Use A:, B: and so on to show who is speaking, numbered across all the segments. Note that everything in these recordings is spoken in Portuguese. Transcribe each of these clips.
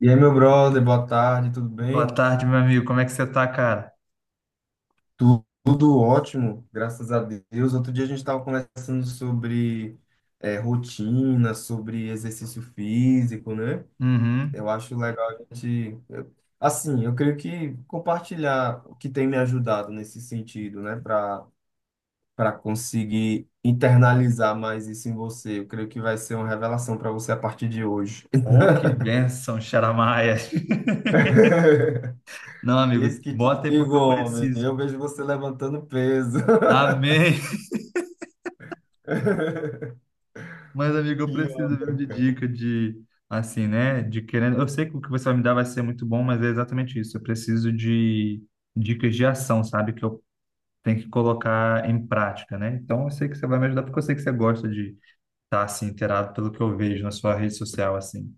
A: E aí, meu brother, boa tarde, tudo
B: Boa
A: bem?
B: tarde, meu amigo. Como é que você tá, cara?
A: Tudo, ótimo, graças a Deus. Outro dia a gente estava conversando sobre rotina, sobre exercício físico, né? Eu
B: Uhum.
A: acho legal a gente. Assim, eu creio que compartilhar o que tem me ajudado nesse sentido, né? Para conseguir internalizar mais isso em você. Eu creio que vai ser uma revelação para você a partir de hoje.
B: Oh, que bênção, Xaramaia. Não, amigo,
A: Eis que te
B: bota aí porque
A: digo,
B: eu
A: homem,
B: preciso.
A: eu vejo você levantando peso.
B: Amém. Mas, amigo, eu
A: Que
B: preciso viu, de dica de, assim, né? De querendo. Eu sei que o que você vai me dar vai ser muito bom, mas é exatamente isso. Eu preciso de dicas de ação, sabe? Que eu tenho que colocar em prática, né? Então, eu sei que você vai me ajudar porque eu sei que você gosta de estar, assim, inteirado pelo que eu vejo na sua rede social, assim.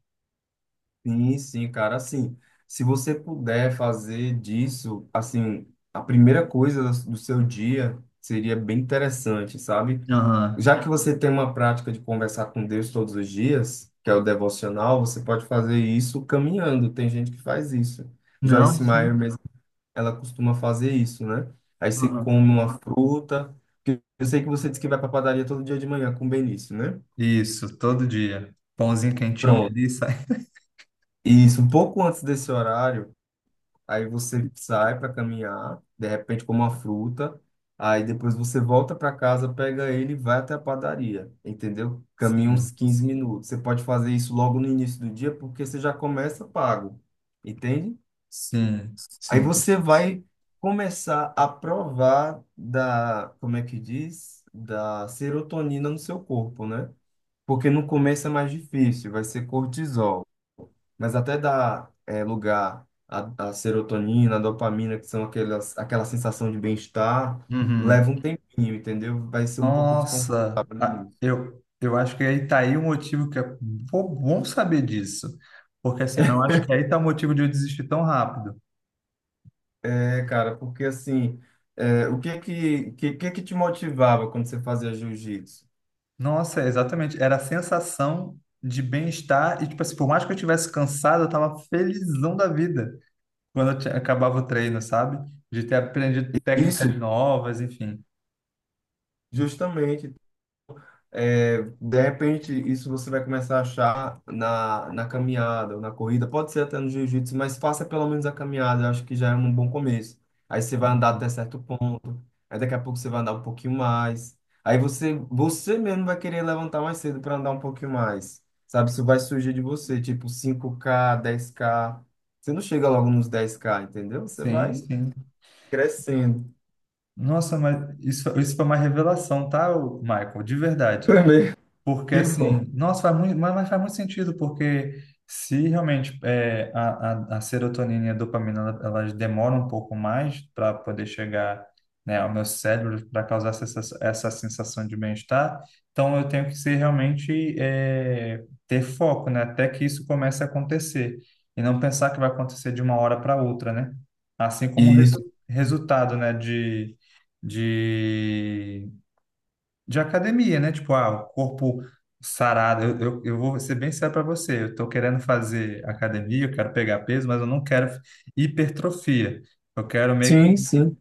A: Sim, sim, cara, assim, se você puder fazer disso, assim, a primeira coisa do seu dia seria bem interessante, sabe?
B: Aham.
A: Já que você tem uma prática de conversar com Deus todos os dias, que é o devocional, você pode fazer isso caminhando. Tem gente que faz isso.
B: Não,
A: Joyce
B: sim.
A: Meyer ela costuma fazer isso, né? Aí você
B: Aham.
A: come uma fruta, que eu sei que você disse que vai para padaria todo dia de manhã com o Benício, né?
B: Isso, todo dia. Pãozinho quentinho
A: Pronto.
B: ali, sai.
A: Isso, um pouco antes desse horário, aí você sai para caminhar, de repente come uma fruta, aí depois você volta para casa, pega ele e vai até a padaria, entendeu? Caminha
B: Sim,
A: uns 15 minutos. Você pode fazer isso logo no início do dia, porque você já começa pago, entende?
B: sim,
A: Aí
B: sim.
A: você vai começar a provar da, como é que diz? Da serotonina no seu corpo, né? Porque no começo é mais difícil, vai ser cortisol. Mas até dar lugar à, serotonina, à dopamina, que são aquelas, aquela sensação de bem-estar,
B: Uhum.
A: leva um tempinho, entendeu? Vai ser um pouco
B: Nossa,
A: desconfortável no
B: ah,
A: início.
B: eu acho que aí tá aí o motivo que é bom saber disso. Porque assim, eu acho que aí tá o motivo de eu desistir tão rápido.
A: É, cara, porque assim, é, o que é que é que te motivava quando você fazia jiu-jitsu?
B: Nossa, é exatamente. Era a sensação de bem-estar e, tipo assim, por mais que eu estivesse cansado, eu tava felizão da vida quando acabava o treino, sabe? De ter aprendido
A: Isso,
B: técnicas novas, enfim.
A: justamente. É, de repente, isso você vai começar a achar na caminhada ou na corrida, pode ser até no jiu-jitsu, mas faça pelo menos a caminhada, eu acho que já é um bom começo. Aí você vai andar até certo ponto, aí daqui a pouco você vai andar um pouquinho mais, aí você mesmo vai querer levantar mais cedo para andar um pouquinho mais, sabe? Isso vai surgir de você, tipo 5K, 10K. Você não chega logo nos 10K, entendeu? Você
B: Sim,
A: vai
B: sim.
A: crescendo.
B: Nossa, mas isso foi uma revelação, tá, ô, Michael? De verdade.
A: Foi mesmo.
B: Porque
A: Que bom.
B: assim, nossa, faz muito, mas faz muito sentido, porque se realmente é, a serotonina e a dopamina elas demoram um pouco mais para poder chegar, né, ao meu cérebro para causar essa sensação de bem-estar, então eu tenho que ser realmente ter foco, né, até que isso comece a acontecer e não pensar que vai acontecer de uma hora para outra, né? Assim como o
A: Isso.
B: resultado, né, de, de de academia, né? Tipo, ah, o corpo sarado. Eu vou ser bem sério para você. Eu tô querendo fazer academia, eu quero pegar peso, mas eu não quero hipertrofia. Eu quero meio que
A: Sim, sim.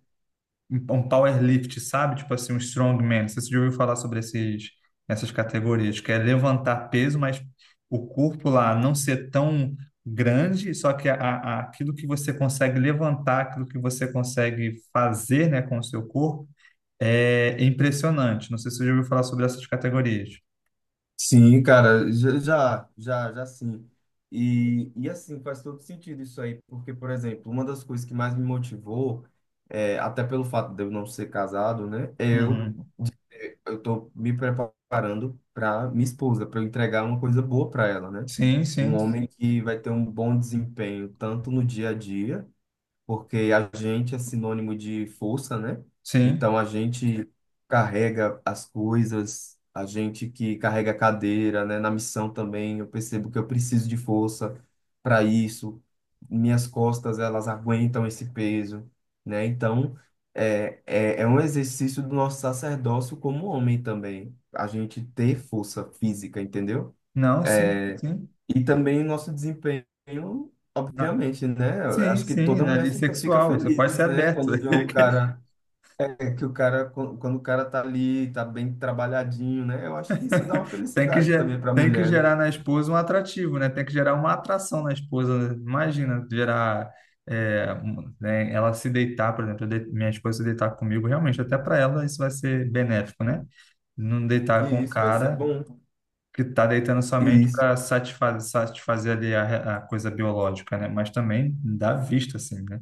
B: um powerlift, sabe? Tipo assim, um strongman. Não sei se você já ouviu falar sobre essas categorias, que é levantar peso, mas o corpo lá não ser tão grande, só que aquilo que você consegue levantar, aquilo que você consegue fazer, né, com o seu corpo é impressionante. Não sei se você já ouviu falar sobre essas categorias.
A: Sim, cara, já, já, já, já sim. E assim, faz todo sentido isso aí, porque, por exemplo, uma das coisas que mais me motivou, é, até pelo fato de eu não ser casado, né, é eu,
B: Uhum.
A: eu tô me preparando para minha esposa, para eu entregar uma coisa boa para ela, né?
B: Sim,
A: Um
B: sim,
A: homem que vai ter um bom desempenho, tanto no dia a dia, porque agente é sinônimo de força, né?
B: sim.
A: Então a gente carrega as coisas, a gente que carrega a cadeira, né? Na missão também, eu percebo que eu preciso de força para isso. Minhas costas, elas aguentam esse peso, né? Então é um exercício do nosso sacerdócio como homem também, a gente ter força física, entendeu?
B: Não, sim,
A: É,
B: sim.
A: e também nosso desempenho,
B: Na-
A: obviamente, né? Eu
B: Sim,
A: acho que
B: sim,
A: toda
B: né?
A: mulher
B: Ali
A: fica
B: sexual. Você pode
A: feliz,
B: ser
A: né?
B: aberto.
A: Quando vê um cara, que o cara, quando o cara tá ali, tá bem trabalhadinho, né? Eu acho que isso dá uma felicidade também pra
B: Tem que
A: mulher, né?
B: gerar na esposa um atrativo, né? Tem que gerar uma atração na esposa, né? Imagina, gerar. Né? Ela se deitar, por exemplo, minha esposa se deitar comigo, realmente, até para ela isso vai ser benéfico, né? Não
A: E
B: deitar com o
A: isso vai ser
B: cara
A: bom.
B: que está deitando
A: E
B: somente
A: isso
B: para satisfazer ali a coisa biológica, né? Mas também dá vista, assim, né?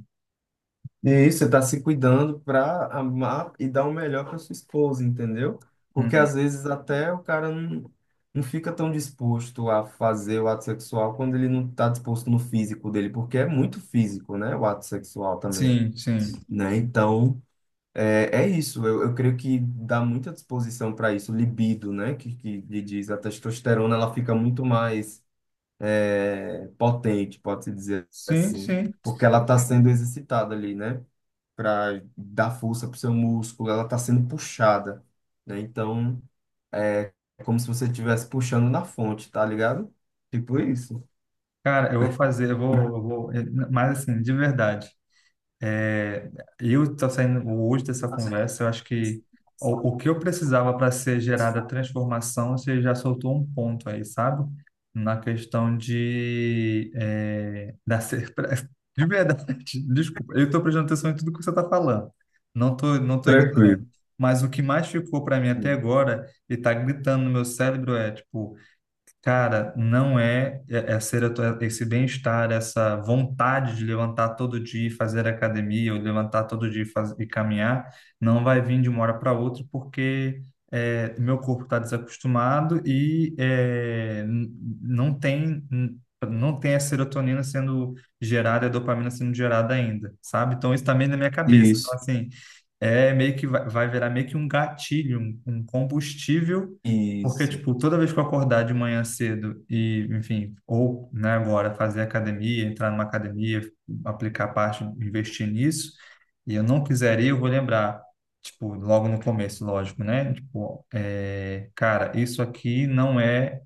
A: E isso, você tá se cuidando para amar e dar o melhor para sua esposa, entendeu? Porque
B: Uhum.
A: às vezes até o cara não, não fica tão disposto a fazer o ato sexual quando ele não tá disposto no físico dele, porque é muito físico, né? O ato sexual também,
B: Sim, sim.
A: né? Então, é isso. Eu creio que dá muita disposição para isso, libido, né? Que lhe diz, a testosterona, ela fica muito mais potente, pode-se dizer
B: Sim,
A: assim,
B: sim.
A: porque ela está sendo exercitada ali, né? Para dar força para o seu músculo, ela está sendo puxada, né? Então, é como se você estivesse puxando na fonte, tá ligado? Tipo isso.
B: Cara, eu vou fazer, mas assim, de verdade. É, eu tô saindo hoje dessa
A: Tá certo.
B: conversa, eu acho que o que eu precisava para ser gerada a transformação, você já soltou um ponto aí, sabe? Na questão de de verdade, desculpa, eu estou prestando atenção em tudo que você está falando. Não tô ignorando.
A: Tranquilo.
B: Mas o que mais ficou para mim até
A: Sim.
B: agora e está gritando no meu cérebro é tipo: cara, não esse bem-estar, essa vontade de levantar todo dia e fazer academia, ou levantar todo dia e caminhar, não vai vir de uma hora para outra, porque meu corpo está desacostumado e não tem n- não tem a serotonina sendo gerada, a dopamina sendo gerada ainda, sabe? Então isso também na minha cabeça. Então
A: Isso,
B: assim, é meio que vai virar meio que um gatilho, um combustível porque,
A: isso,
B: tipo, toda vez que eu acordar de manhã cedo e, enfim, ou, né, agora fazer academia, entrar numa academia, aplicar parte, investir nisso, e eu não quiser ir, eu vou lembrar, tipo, logo no começo, lógico, né? Tipo, cara, isso aqui não é,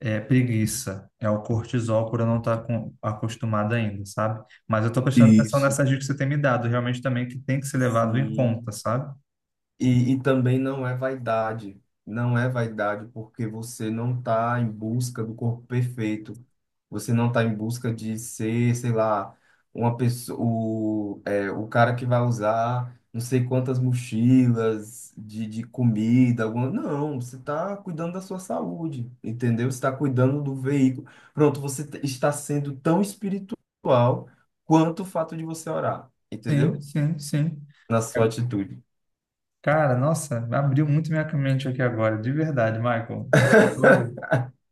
B: é preguiça, é o cortisol por eu não estar com, acostumado ainda, sabe? Mas eu tô prestando atenção
A: isso.
B: nessas dicas que você tem me dado, realmente também que tem que ser levado em conta,
A: Sim.
B: sabe?
A: E também não é vaidade. Não é vaidade porque você não está em busca do corpo perfeito. Você não está em busca de ser, sei lá, uma pessoa, o cara que vai usar não sei quantas mochilas de, comida. Não, você está cuidando da sua saúde, entendeu? Você está cuidando do veículo. Pronto, você está sendo tão espiritual quanto o fato de você orar,
B: Sim,
A: entendeu?
B: sim, sim.
A: Na sua atitude.
B: Cara, nossa, abriu muito minha mente aqui agora, de verdade, Michael. Eu tô,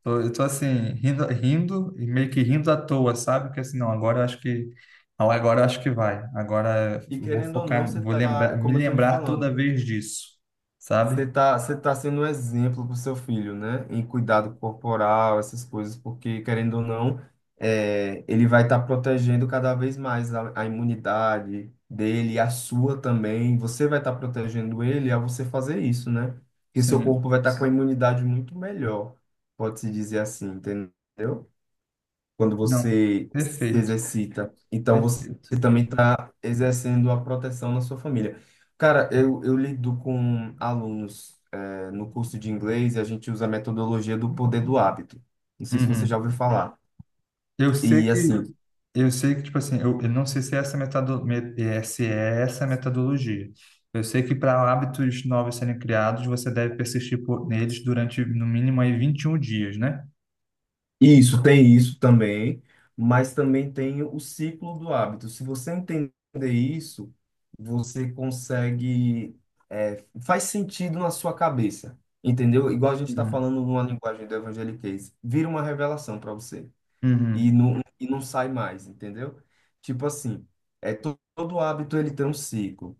B: tô- eu tô assim, rindo, rindo e meio que rindo à toa, sabe? Porque assim, não, agora eu acho que vai. Agora
A: E
B: eu vou
A: querendo ou não,
B: focar,
A: você
B: vou lembrar,
A: tá,
B: me
A: como eu tô lhe
B: lembrar toda
A: falando,
B: vez disso, sabe?
A: você tá sendo um exemplo pro seu filho, né? Em cuidado corporal, essas coisas, porque querendo ou não, ele vai estar protegendo cada vez mais a imunidade dele, a sua também. Você vai estar protegendo ele ao você fazer isso, né? Porque seu
B: Sim,
A: corpo vai estar com a imunidade muito melhor, pode-se dizer assim, entendeu, quando
B: não,
A: você se
B: perfeito,
A: exercita. Então, você
B: perfeito.
A: também está exercendo a proteção na sua família. Cara, eu lido com alunos, no curso de inglês e a gente usa a metodologia do poder do hábito. Não sei se você
B: Uhum.
A: já ouviu falar.
B: Eu sei
A: E
B: que
A: assim,
B: eu sei que tipo assim, eu não sei se é essa se é essa metodologia. Eu sei que para hábitos novos serem criados, você deve persistir neles durante no mínimo aí 21 dias, né?
A: isso, tem isso também, mas também tem o ciclo do hábito. Se você entender isso, você consegue, faz sentido na sua cabeça, entendeu? Igual a gente está
B: Uhum.
A: falando numa linguagem do evangeliquez, vira uma revelação para você
B: Uhum.
A: e não sai mais, entendeu? Tipo assim, todo hábito ele tem um ciclo.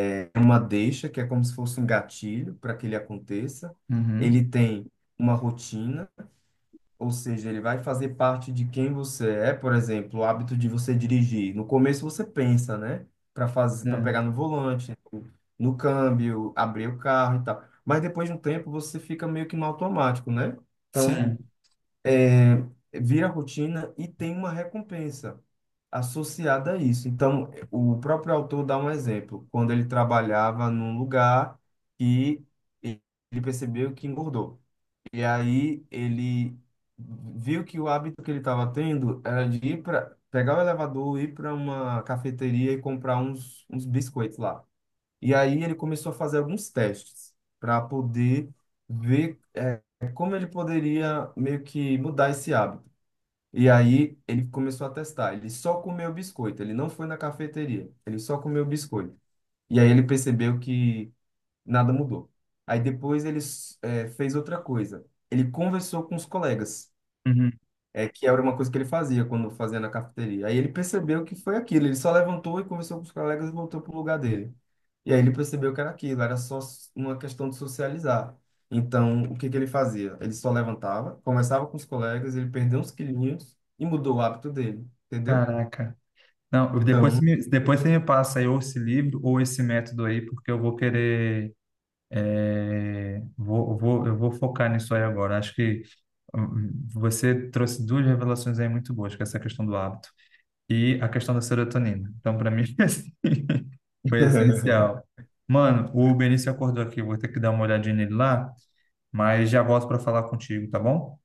A: É uma deixa, que é como se fosse um gatilho para que ele aconteça,
B: Uhum.
A: ele tem uma rotina, ou seja, ele vai fazer parte de quem você é. Por exemplo, o hábito de você dirigir. No começo você pensa, né? Para
B: É.
A: pegar no volante, no câmbio, abrir o carro e tal. Mas depois de um tempo você fica meio que no automático, né? Então,
B: Sim.
A: é, vira rotina e tem uma recompensa associada a isso. Então, o próprio autor dá um exemplo. Quando ele trabalhava num lugar que ele percebeu que engordou. E aí ele viu que o hábito que ele estava tendo era de ir para pegar o elevador, ir para uma cafeteria e comprar uns biscoitos lá. E aí ele começou a fazer alguns testes para poder ver como ele poderia meio que mudar esse hábito. E aí ele começou a testar. Ele só comeu biscoito, ele não foi na cafeteria, ele só comeu biscoito. E aí ele percebeu que nada mudou. Aí depois ele fez outra coisa. Ele conversou com os colegas,
B: Uhum.
A: que era uma coisa que ele fazia quando fazia na cafeteria. Aí ele percebeu que foi aquilo. Ele só levantou e conversou com os colegas e voltou para o lugar dele. E aí ele percebeu que era aquilo, era só uma questão de socializar. Então, o que que ele fazia? Ele só levantava, conversava com os colegas, ele perdeu uns quilinhos e mudou o hábito dele, entendeu?
B: Caraca. Não, depois
A: Então,
B: você me, depois você me passa aí ou esse livro ou esse método aí, porque eu vou querer. É, eu vou focar nisso aí agora. Acho que você trouxe duas revelações aí muito boas, que é essa questão do hábito e a questão da serotonina. Então, para mim, assim, foi essencial. Mano, o Benício acordou aqui, eu vou ter que dar uma olhadinha nele lá, mas já volto para falar contigo, tá bom?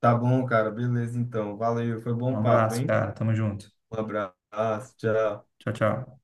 A: tá bom, cara, beleza então. Valeu, foi
B: Um
A: bom papo,
B: abraço,
A: hein?
B: cara. Tamo junto.
A: Um abraço, tchau.
B: Tchau, tchau.